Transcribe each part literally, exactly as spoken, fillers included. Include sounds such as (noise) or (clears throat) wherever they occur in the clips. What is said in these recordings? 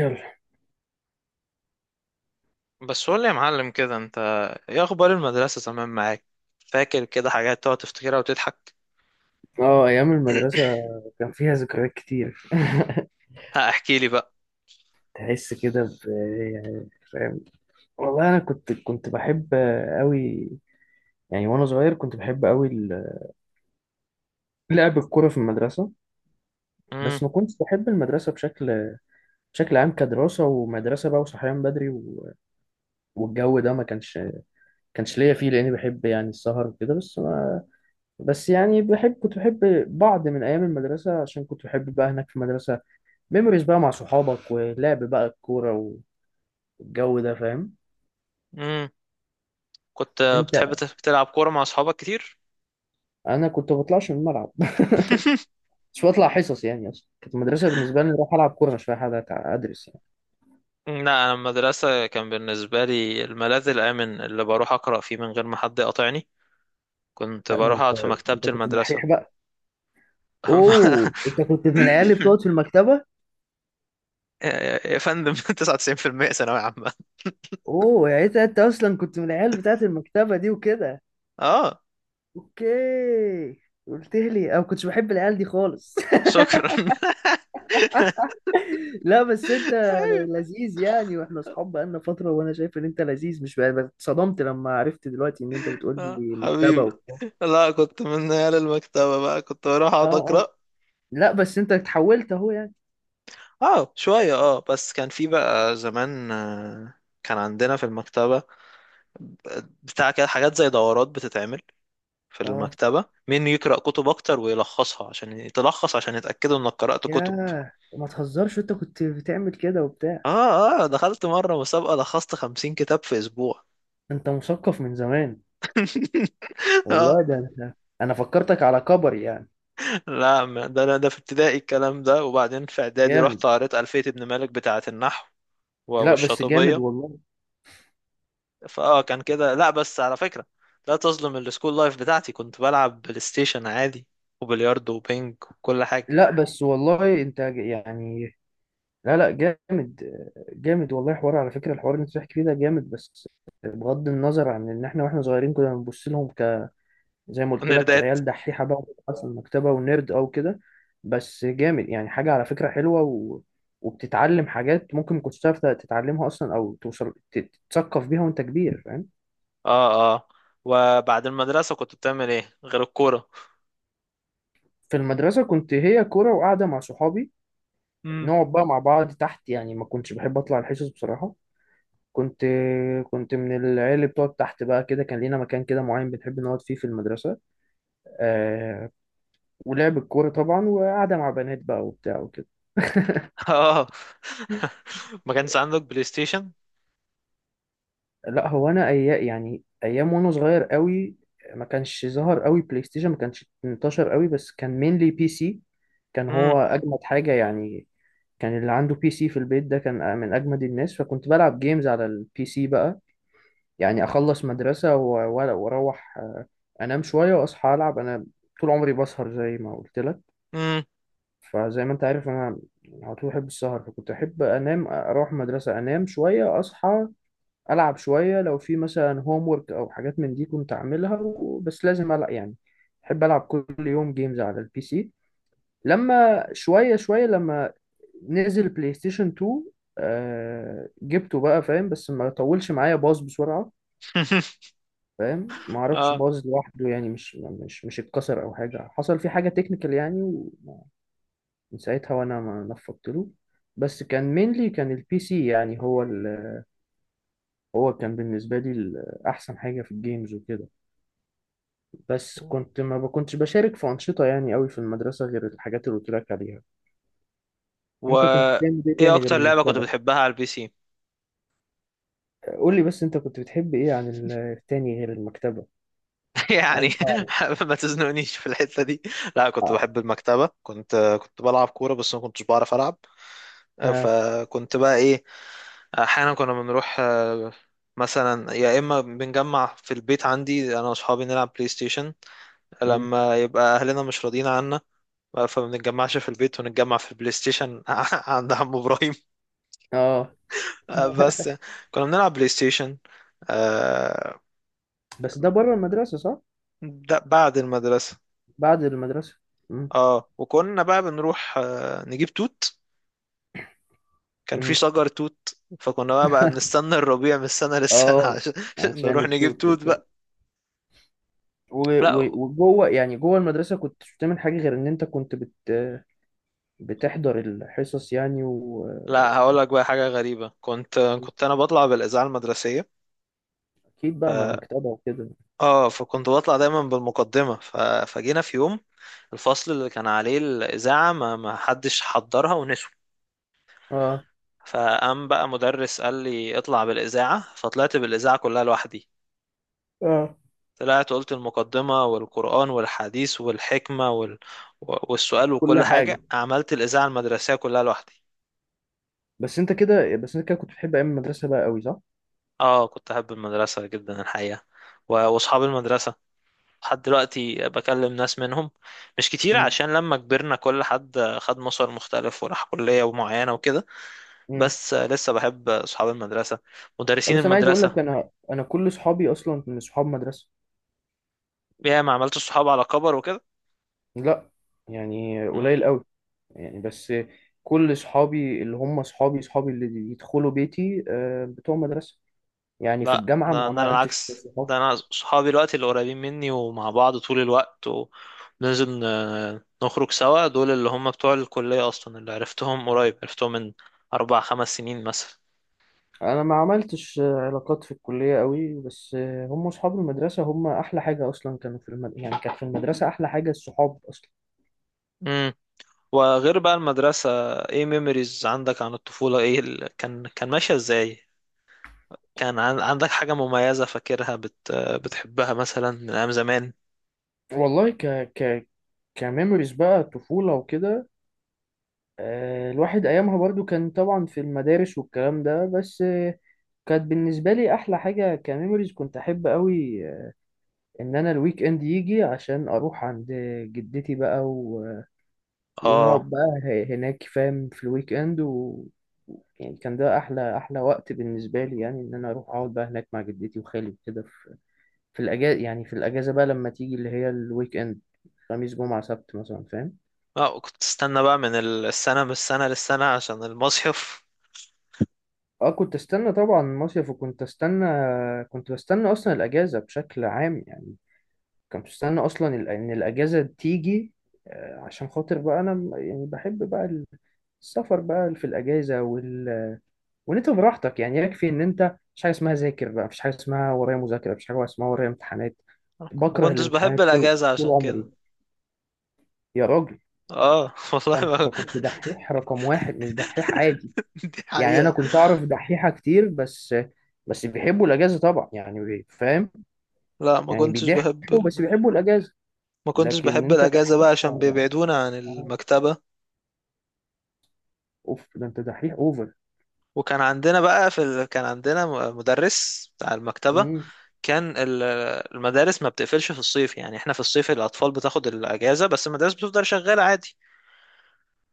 يلا. بس قول لي يا معلم كده، انت ايه اخبار المدرسة زمان معاك؟ فاكر كده حاجات تقعد تفتكرها وتضحك؟ اه، ايام المدرسه (clears throat) كان فيها ذكريات كتير. (laughs) ها احكي لي بقى. تحس كده ب، يعني فاهم. والله انا كنت كنت بحب قوي. يعني وانا صغير كنت بحب قوي ال- لعب الكوره في المدرسه. امم. بس ما كنتش بحب المدرسه بشكل بشكل عام، كدراسه ومدرسه بقى، وصحيان بدري و... والجو ده ما كانش كانش ليا فيه، لاني بحب يعني السهر وكده، بس ما... بس يعني بحب كنت بحب بعض من ايام المدرسه، عشان كنت بحب بقى هناك في المدرسه، ميموريز بقى مع صحابك ولعب بقى الكوره، الجو ده فاهم. امم. كنت انت، بتحب تف- تلعب كورة مع اصحابك كتير؟ انا كنت بطلعش من الملعب. (laughs) مش بطلع حصص يعني، اصلا كانت المدرسه بالنسبه لي اروح العب كوره، مش رايح أقعد ادرس يعني. لا، انا المدرسة كان بالنسبة لي الملاذ الامن اللي بروح اقرأ فيه من غير ما حد يقاطعني. كنت لا، ده بروح انت، اقعد في مكتبة انت كنت المدرسة. دحيح بقى. اوه، (laughs) انت كنت من العيال اللي بتقعد في المكتبه. يا يا- يا فندم. (laughs) تسعة وتسعين بالمية ثانوية عامة. اوه يعني انت، انت اصلا كنت من العيال بتاعت المكتبه دي وكده. اه، اوكي. قلت لي انا ما كنتش بحب العيال دي خالص. (laughs) شكرا. (laughs) لا بس انت ايوه. لذيذ يعني، واحنا اصحاب بقالنا فتره وانا شايف ان انت لذيذ، مش بقى- بقى اتصدمت لما عرفت دلوقتي ان انت بتقول آه، لي مكتبه حبيبي. وبتاع. لا كنت من عيال المكتبة بقى، كنت بروح اقعد اه. اقرا. لا بس انت اتحولت اهو يعني. اه شوية، اه بس كان في بقى زمان، آه، كان عندنا في المكتبة بتاع كده حاجات زي دورات بتتعمل في اه. المكتبة، مين يقرأ كتب اكتر ويلخصها، عشان تلخص عشان يتأكدوا انك قرأت كتب. ياه، ما تهزرش، انت كنت بتعمل كده وبتاع؟ اه اه. دخلت مرة مسابقة لخصت خمسين كتاب في اسبوع. انت مثقف من زمان. (laughs) اه. والله، ده انت، انا فكرتك على كبر يعني. لا ما- ده انا، ده في ابتدائي الكلام ده، وبعدين في اعدادي جامد. رحت قريت ألفية ابن مالك بتاعة النحو و- لا بس جامد والشاطبية. والله. فاه كان كده، لا بس على فكرة، لا تظلم السكول لايف بتاعتي، كنت بلعب بلاي ستيشن عادي، وبلياردو وبينج وكل حاجة. لا بس والله انت ج- يعني، لا لا جامد، جامد والله. حوار على فكرة، الحوار اللي انت بتحكي فيه ده جامد، بس بغض النظر عن ان احنا، واحنا صغيرين كنا بنبص لهم زي ما (laughs) قلت لك ونردات. عيال دحيحه بقى، بتبحث عن المكتبه ونيرد او كده. بس جامد يعني، حاجه على فكره حلوه و... وبتتعلم حاجات ممكن ما كنتش تعرف تتعلمها اصلا، او توصل تت- تتثقف بيها وانت كبير، فاهم. اه اه. وبعد المدرسة كنت بتعمل ايه غير الكورة؟ في المدرسه كنت هي كوره وقاعده مع صحابي، امم. نقعد بقى مع بعض تحت يعني، ما كنتش بحب اطلع الحصص بصراحه. كنت كنت من العيال اللي بتقعد تحت بقى كده. كان لينا مكان كده معين بنحب نقعد فيه في المدرسه، آه... ولعب الكوره طبعا، وقاعده مع بنات بقى وبتاع وكده. (laughs) اه. (laughs) ما كانش عندك بلاي ستيشن؟ لا هو انا ايام، يعني ايام وانا صغير قوي ما كانش ظهر قوي بلاي ستيشن، ما كانش انتشر قوي، بس كان مينلي بي سي. كان امم. هو اجمد حاجه يعني. كان اللي عنده بي سي في البيت ده كان من اجمد الناس، فكنت بلعب جيمز على البي سي بقى. يعني اخلص مدرسه و- و- واروح، آه، انام شويه واصحى العب. انا طول عمري بسهر زي ما قلت لك، امم. فزي ما انت عارف انا على طول بحب السهر، فكنت احب انام، اروح مدرسه، انام شويه، اصحى العب شويه. لو في مثلا هوم ورك او حاجات من دي كنت اعملها و- بس لازم العب يعني، بحب العب كل يوم جيمز على البي سي. لما شويه شويه، لما نزل بلاي ستيشن تو، آه جبته بقى، فاهم، بس ما طولش معايا، باظ بسرعه. (laughs) فاهم، ما اعرفش اه. باظ لوحده يعني، مش مش مش اتكسر او حاجه، حصل فيه حاجه تكنيكال يعني، ومن ساعتها وانا ما نفضت له. بس كان مينلي، كان البي سي يعني، هو ال... هو كان بالنسبه لي ال- احسن حاجه في الجيمز وكده. بس كنت ما بكنتش بشارك في أنشطة يعني قوي في المدرسة، غير الحاجات اللي قلت لك عليها. و انت كنت بتعمل ايه ايه تاني غير اكتر لعبة كنت المكتبة؟ بتحبها على البي سي؟ قول لي بس انت كنت بتحب ايه عن ال- التاني غير المكتبة؟ (laughs) يعني عايز اعرف. ما تزنقنيش في الحتة دي. لا، كنت اه. بحب المكتبة، كنت كنت بلعب كورة بس ما كنتش بعرف ألعب. اه. فكنت بقى إيه، أحيانا كنا بنروح، آه، مثلا يا إما بنجمع في البيت عندي أنا وأصحابي نلعب بلاي ستيشن مم. لما يبقى أهلنا مش راضيين عنا، فما بنتجمعش في البيت ونتجمع في البلاي ستيشن (laughs) عند عم إبراهيم. آه. آه، بس (laughs) كنا بنلعب بلاي ستيشن. آه، بس ده بره المدرسة، صح؟ ده بعد المدرسة. بعد المدرسة. مم. اه وكنا بقى بنروح، آه، نجيب توت. كان في مم. شجر توت. فكنا بقى بقى (laughs) بنستنى الربيع من السنة للسنة (laughs) اه، عشان عشان نروح نجيب التوت توت وبتاع. بقى. و- لا، و- وجوه يعني جوه المدرسة كنت بتعمل حاجة غير ان انت كنت بت بتحضر الحصص يعني، لا واكيد هقول لك بقى حاجة غريبة، كنت كنت انا بطلع بالإذاعة المدرسية. بقى مع مكتبة وكده. اه فكنت بطلع دايما بالمقدمة، ف... فجينا في يوم الفصل اللي كان عليه الإذاعة ما ما حدش حضرها ونسوا. اه. فقام بقى مدرس قال لي اطلع بالإذاعة، فطلعت بالإذاعة كلها لوحدي. اه. طلعت قلت المقدمة والقرآن والحديث والحكمة وال... والسؤال كل وكل حاجه. حاجة، عملت الإذاعة المدرسية كلها لوحدي. بس انت كده بس انت كده كنت بتحب ايام المدرسه بقى قوي، صح؟ اه كنت أحب المدرسة جدا الحقيقة، و- وأصحاب المدرسة لحد دلوقتي بكلم ناس منهم، مش كتير امم. عشان لما كبرنا كل حد خد مسار مختلف وراح كلية معينة وكده. امم. بس لسه بحب أصحاب المدرسة، مدرسين بس انا عايز اقول لك، المدرسة. انا انا كل اصحابي اصلا من اصحاب مدرسه. يا ما عملت صحاب على كبر لا، يعني وكده. قليل قوي يعني، بس كل اصحابي اللي هم اصحابي، اصحابي اللي يدخلوا بيتي آه، بتوع مدرسه. يعني في لا، ده الجامعه ما ده انا عملتش العكس، صحاب. ده انا صحابي دلوقتي اللي قريبين مني ومع بعض طول الوقت وبننزل ن- نخرج سوا، دول اللي هم بتوع الكلية اصلا، اللي عرفتهم قريب، عرفتهم من اربع خمس سنين مثلا. انا ما عملتش آه، علاقات في الكليه قوي، بس آه، هم اصحاب المدرسه هم احلى حاجه اصلا. كانوا في المد... يعني كانت في المدرسه احلى حاجه الصحاب اصلا. امم. وغير بقى المدرسة، ايه ميموريز عندك عن الطفولة؟ ايه، ال... كان كان ماشية ازاي؟ كان عن... عندك حاجة مميزة فاكرها، بت... بتحبها مثلا من ايام زمان؟ والله ك ك كميموريز بقى طفولة وكده، آه، الواحد أيامها برضو كان طبعا في المدارس والكلام ده، بس آه، كانت بالنسبة لي أحلى حاجة كميموريز. كنت أحب أوي آه، إن أنا الويك إند يجي عشان أروح عند جدتي بقى و... اه ونقعد بقى ه- هناك، فاهم، في الويك إند و... يعني كان ده أحلى أحلى وقت بالنسبة لي، يعني إن أنا أروح أقعد بقى هناك مع جدتي وخالي كده في، في الأجازة. يعني في الأجازة بقى لما تيجي اللي هي الويك إند، خميس جمعة سبت مثلا، فاهم. اه. كنت تستنى بقى من السنة من السنة للسنة عشان المصيف؟ اه، كنت استنى طبعا مصيف، وكنت استنى، كنت بستنى اصلا الاجازه بشكل عام يعني. كنت بستنى اصلا ال- ان الاجازه تيجي، آه، عشان خاطر بقى انا م- يعني بحب بقى السفر بقى في الاجازه وال... وان انت براحتك يعني، يكفي ان انت مش حاجه اسمها ذاكر بقى، مفيش حاجه اسمها ورايا مذاكره، مفيش حاجه اسمها ورايا امتحانات. ما بكره كنتش بحب الامتحانات، طول الاجازه طول عشان عمري. كده. يا راجل، اه (laughs) والله ده انت ما... كنت دحيح رقم واحد، مش دحيح عادي. دي يعني انا حقيقه. كنت اعرف دحيحه كتير بس، بس بيحبوا الاجازه طبعا يعني، بي- فاهم، لا ما يعني كنتش بحب بيضحكوا بس ال... بيحبوا الاجازه. ما كنتش لكن بحب انت الاجازه بقى دحيح عشان آه، بيبعدونا عن المكتبه. اوف، ده انت دحيح اوفر. وكان عندنا بقى في ال... كان عندنا م- مدرس بتاع المكتبه، امم. كان ال- المدارس ما بتقفلش في الصيف، يعني احنا في الصيف الاطفال بتاخد الاجازه بس المدارس بتفضل شغاله عادي،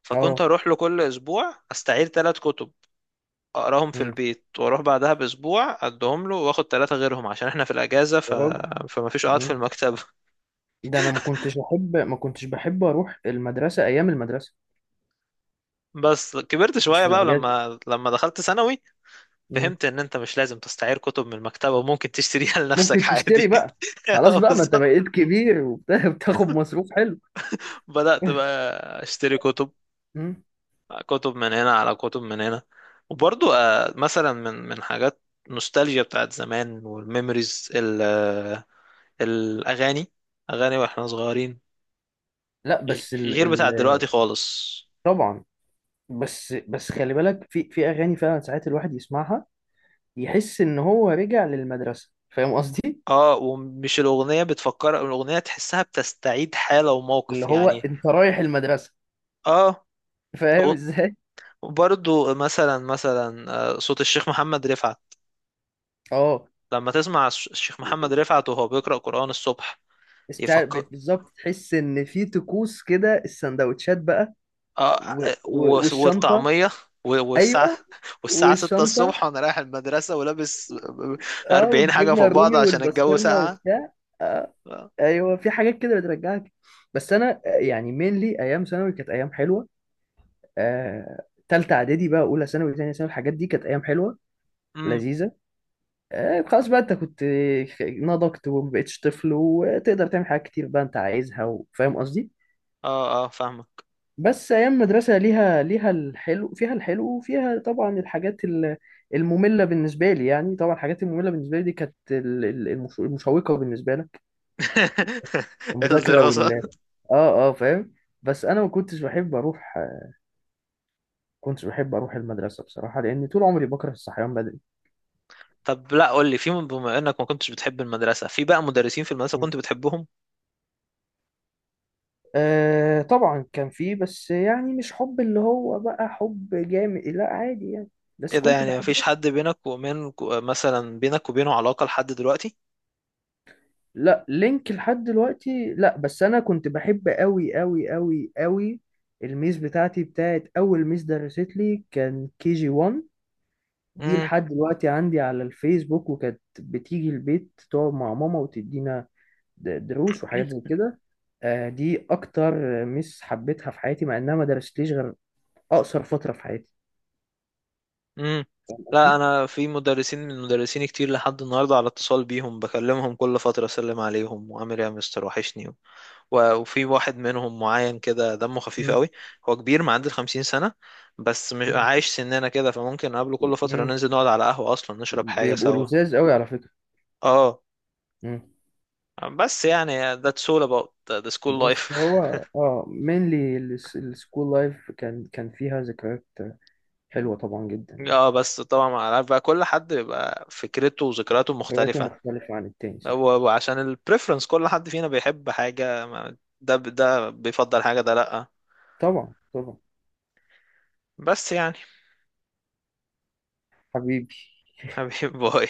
فكنت اه. اروح له كل اسبوع استعير ثلاث كتب، اقراهم في امم. البيت واروح بعدها باسبوع ادهم له واخد ثلاثه غيرهم عشان احنا في الاجازه، ف... يا راجل. فما فيش قعد في امم. المكتبه. ده انا ما كنتش احب ما كنتش بحب اروح المدرسه ايام المدرسه، بس كبرت مش شوية في بقى الاجازه. لما لما دخلت ثانوي امم. فهمت ان انت مش لازم تستعير كتب من المكتبة وممكن تشتريها (laughs) ممكن لنفسك تشتري عادي. بقى. (laughs) خلاص آه، بقى، ما انت بالظبط. بقيت كبير وبتاخد (laughs) مصروف حلو. بدأت بقى (laughs) اشتري كتب، امم. كتب من هنا على كتب من هنا. وبرضو آه، مثلا من من حاجات نوستالجيا بتاعت زمان والميموريز، ال- آه، الاغاني، اغاني واحنا صغيرين لا غ- بس ال... غير ال... بتاعت دلوقتي خالص. طبعا. بس بس خلي بالك، في في اغاني فعلا ساعات الواحد يسمعها يحس ان هو رجع للمدرسه، فاهم قصدي، اه، ومش الاغنية بتفكر، الاغنية تحسها بتستعيد حالة اللي وموقف هو يعني. انت رايح المدرسه. اه (laughs) فاهم ازاي. وبرضو مثلا مثلا آه، صوت الشيخ محمد رفعت، اه، لما تسمع الش- الشيخ محمد رفعت وهو بيقرأ قرآن الصبح استع- يفكر. بت- بالظبط، تحس ان في طقوس كده، السندوتشات بقى آه و... آه، و- و... والشنطه. والطعمية و- والساعة، ايوه، (laughs) والساعة ستة والشنطه. الصبح وأنا رايح المدرسة ولابس اه، أربعين حاجة في والجبنه بعض الرومي عشان الجو والبسطرمه ساقعة. وبتاع. آه. آه، ايوه في حاجات كده بترجعك. بس انا آه، يعني مينلي ايام ثانوي كانت ايام حلوه. آه، تالتة إعدادي بقى، أولى ثانوي، تانية ثانوي، الحاجات دي كانت أيام حلوة أمم. لذيذة. آه، خلاص بقى، أنت كنت نضجت ومبقتش طفل، وتقدر تعمل حاجات كتير بقى أنت عايزها، وفاهم قصدي. اه اه فاهمك. بس أيام مدرسة ليها، ليها الحلو فيها الحلو وفيها طبعا الحاجات ال- المملة بالنسبة لي يعني. طبعا الحاجات المملة بالنسبة لي دي كانت ال- ال- المش- المشوقة بالنسبة لك، (laughs) المذاكرة الدراسة. وال، آه آه فاهم. بس أنا ما كنتش بحب أروح، كنتش بحب أروح المدرسة بصراحة، لأن طول عمري بكره الصحيان بدري. طب لا قول لي، في بما إنك ما كنتش بتحب المدرسة، في بقى مدرسين في المدرسة كنت بتحبهم؟ آه طبعا كان فيه، بس يعني مش حب اللي هو بقى حب جامد، لا عادي يعني، بس ايه ده؟ كنت يعني مفيش بحبه. حد بينك ومن مثلا بينك وبينه علاقة لحد دلوقتي؟ لا، لينك لحد دلوقتي؟ لا، بس انا كنت بحب قوي قوي قوي قوي الميس بتاعتي، بتاعت اول ميس درست لي، كان كي جي واحد. دي امم. لحد دلوقتي عندي على الفيسبوك، وكانت بتيجي البيت تقعد مع ماما وتدينا د- دروس وحاجات زي كده. آه، دي اكتر ميس حبيتها في حياتي، مع انها ما درستليش غير اقصر فترة في حياتي، امم. فاهم لا قصدي؟ انا في مدرسين من مدرسين كتير لحد النهارده على اتصال بيهم، بكلمهم كل فترة اسلم عليهم وعامل ايه يا مستر وحشني. و- وفي واحد منهم معين كده دمه خفيف قوي، هو كبير، معدي ال خمسين سنة، بس مش مم. عايش سننا كده، فممكن نقابله كل فترة مم. ننزل نقعد على قهوة اصلا نشرب حاجة بيبقوا سوا. لذاذ قوي على فكرة. اه، مم. بس يعني that's all about the school life. بس هو، اه مينلي السكول لايف كان، كان فيها ذكريات (laughs) حلوة طبعا جدا يعني. اه، بس طبعا ما عارف بقى، كل حد بيبقى فكرته وذكرياته ذكرياته مختلفة. مختلفة عن التاني، صح. هو عشان البريفرنس كل حد فينا بيحب حاجة، ما- ده ده بيفضل حاجة، ده لأ. طبعا، طبعا. بس يعني، حبيبي. حبيب (laughs) باي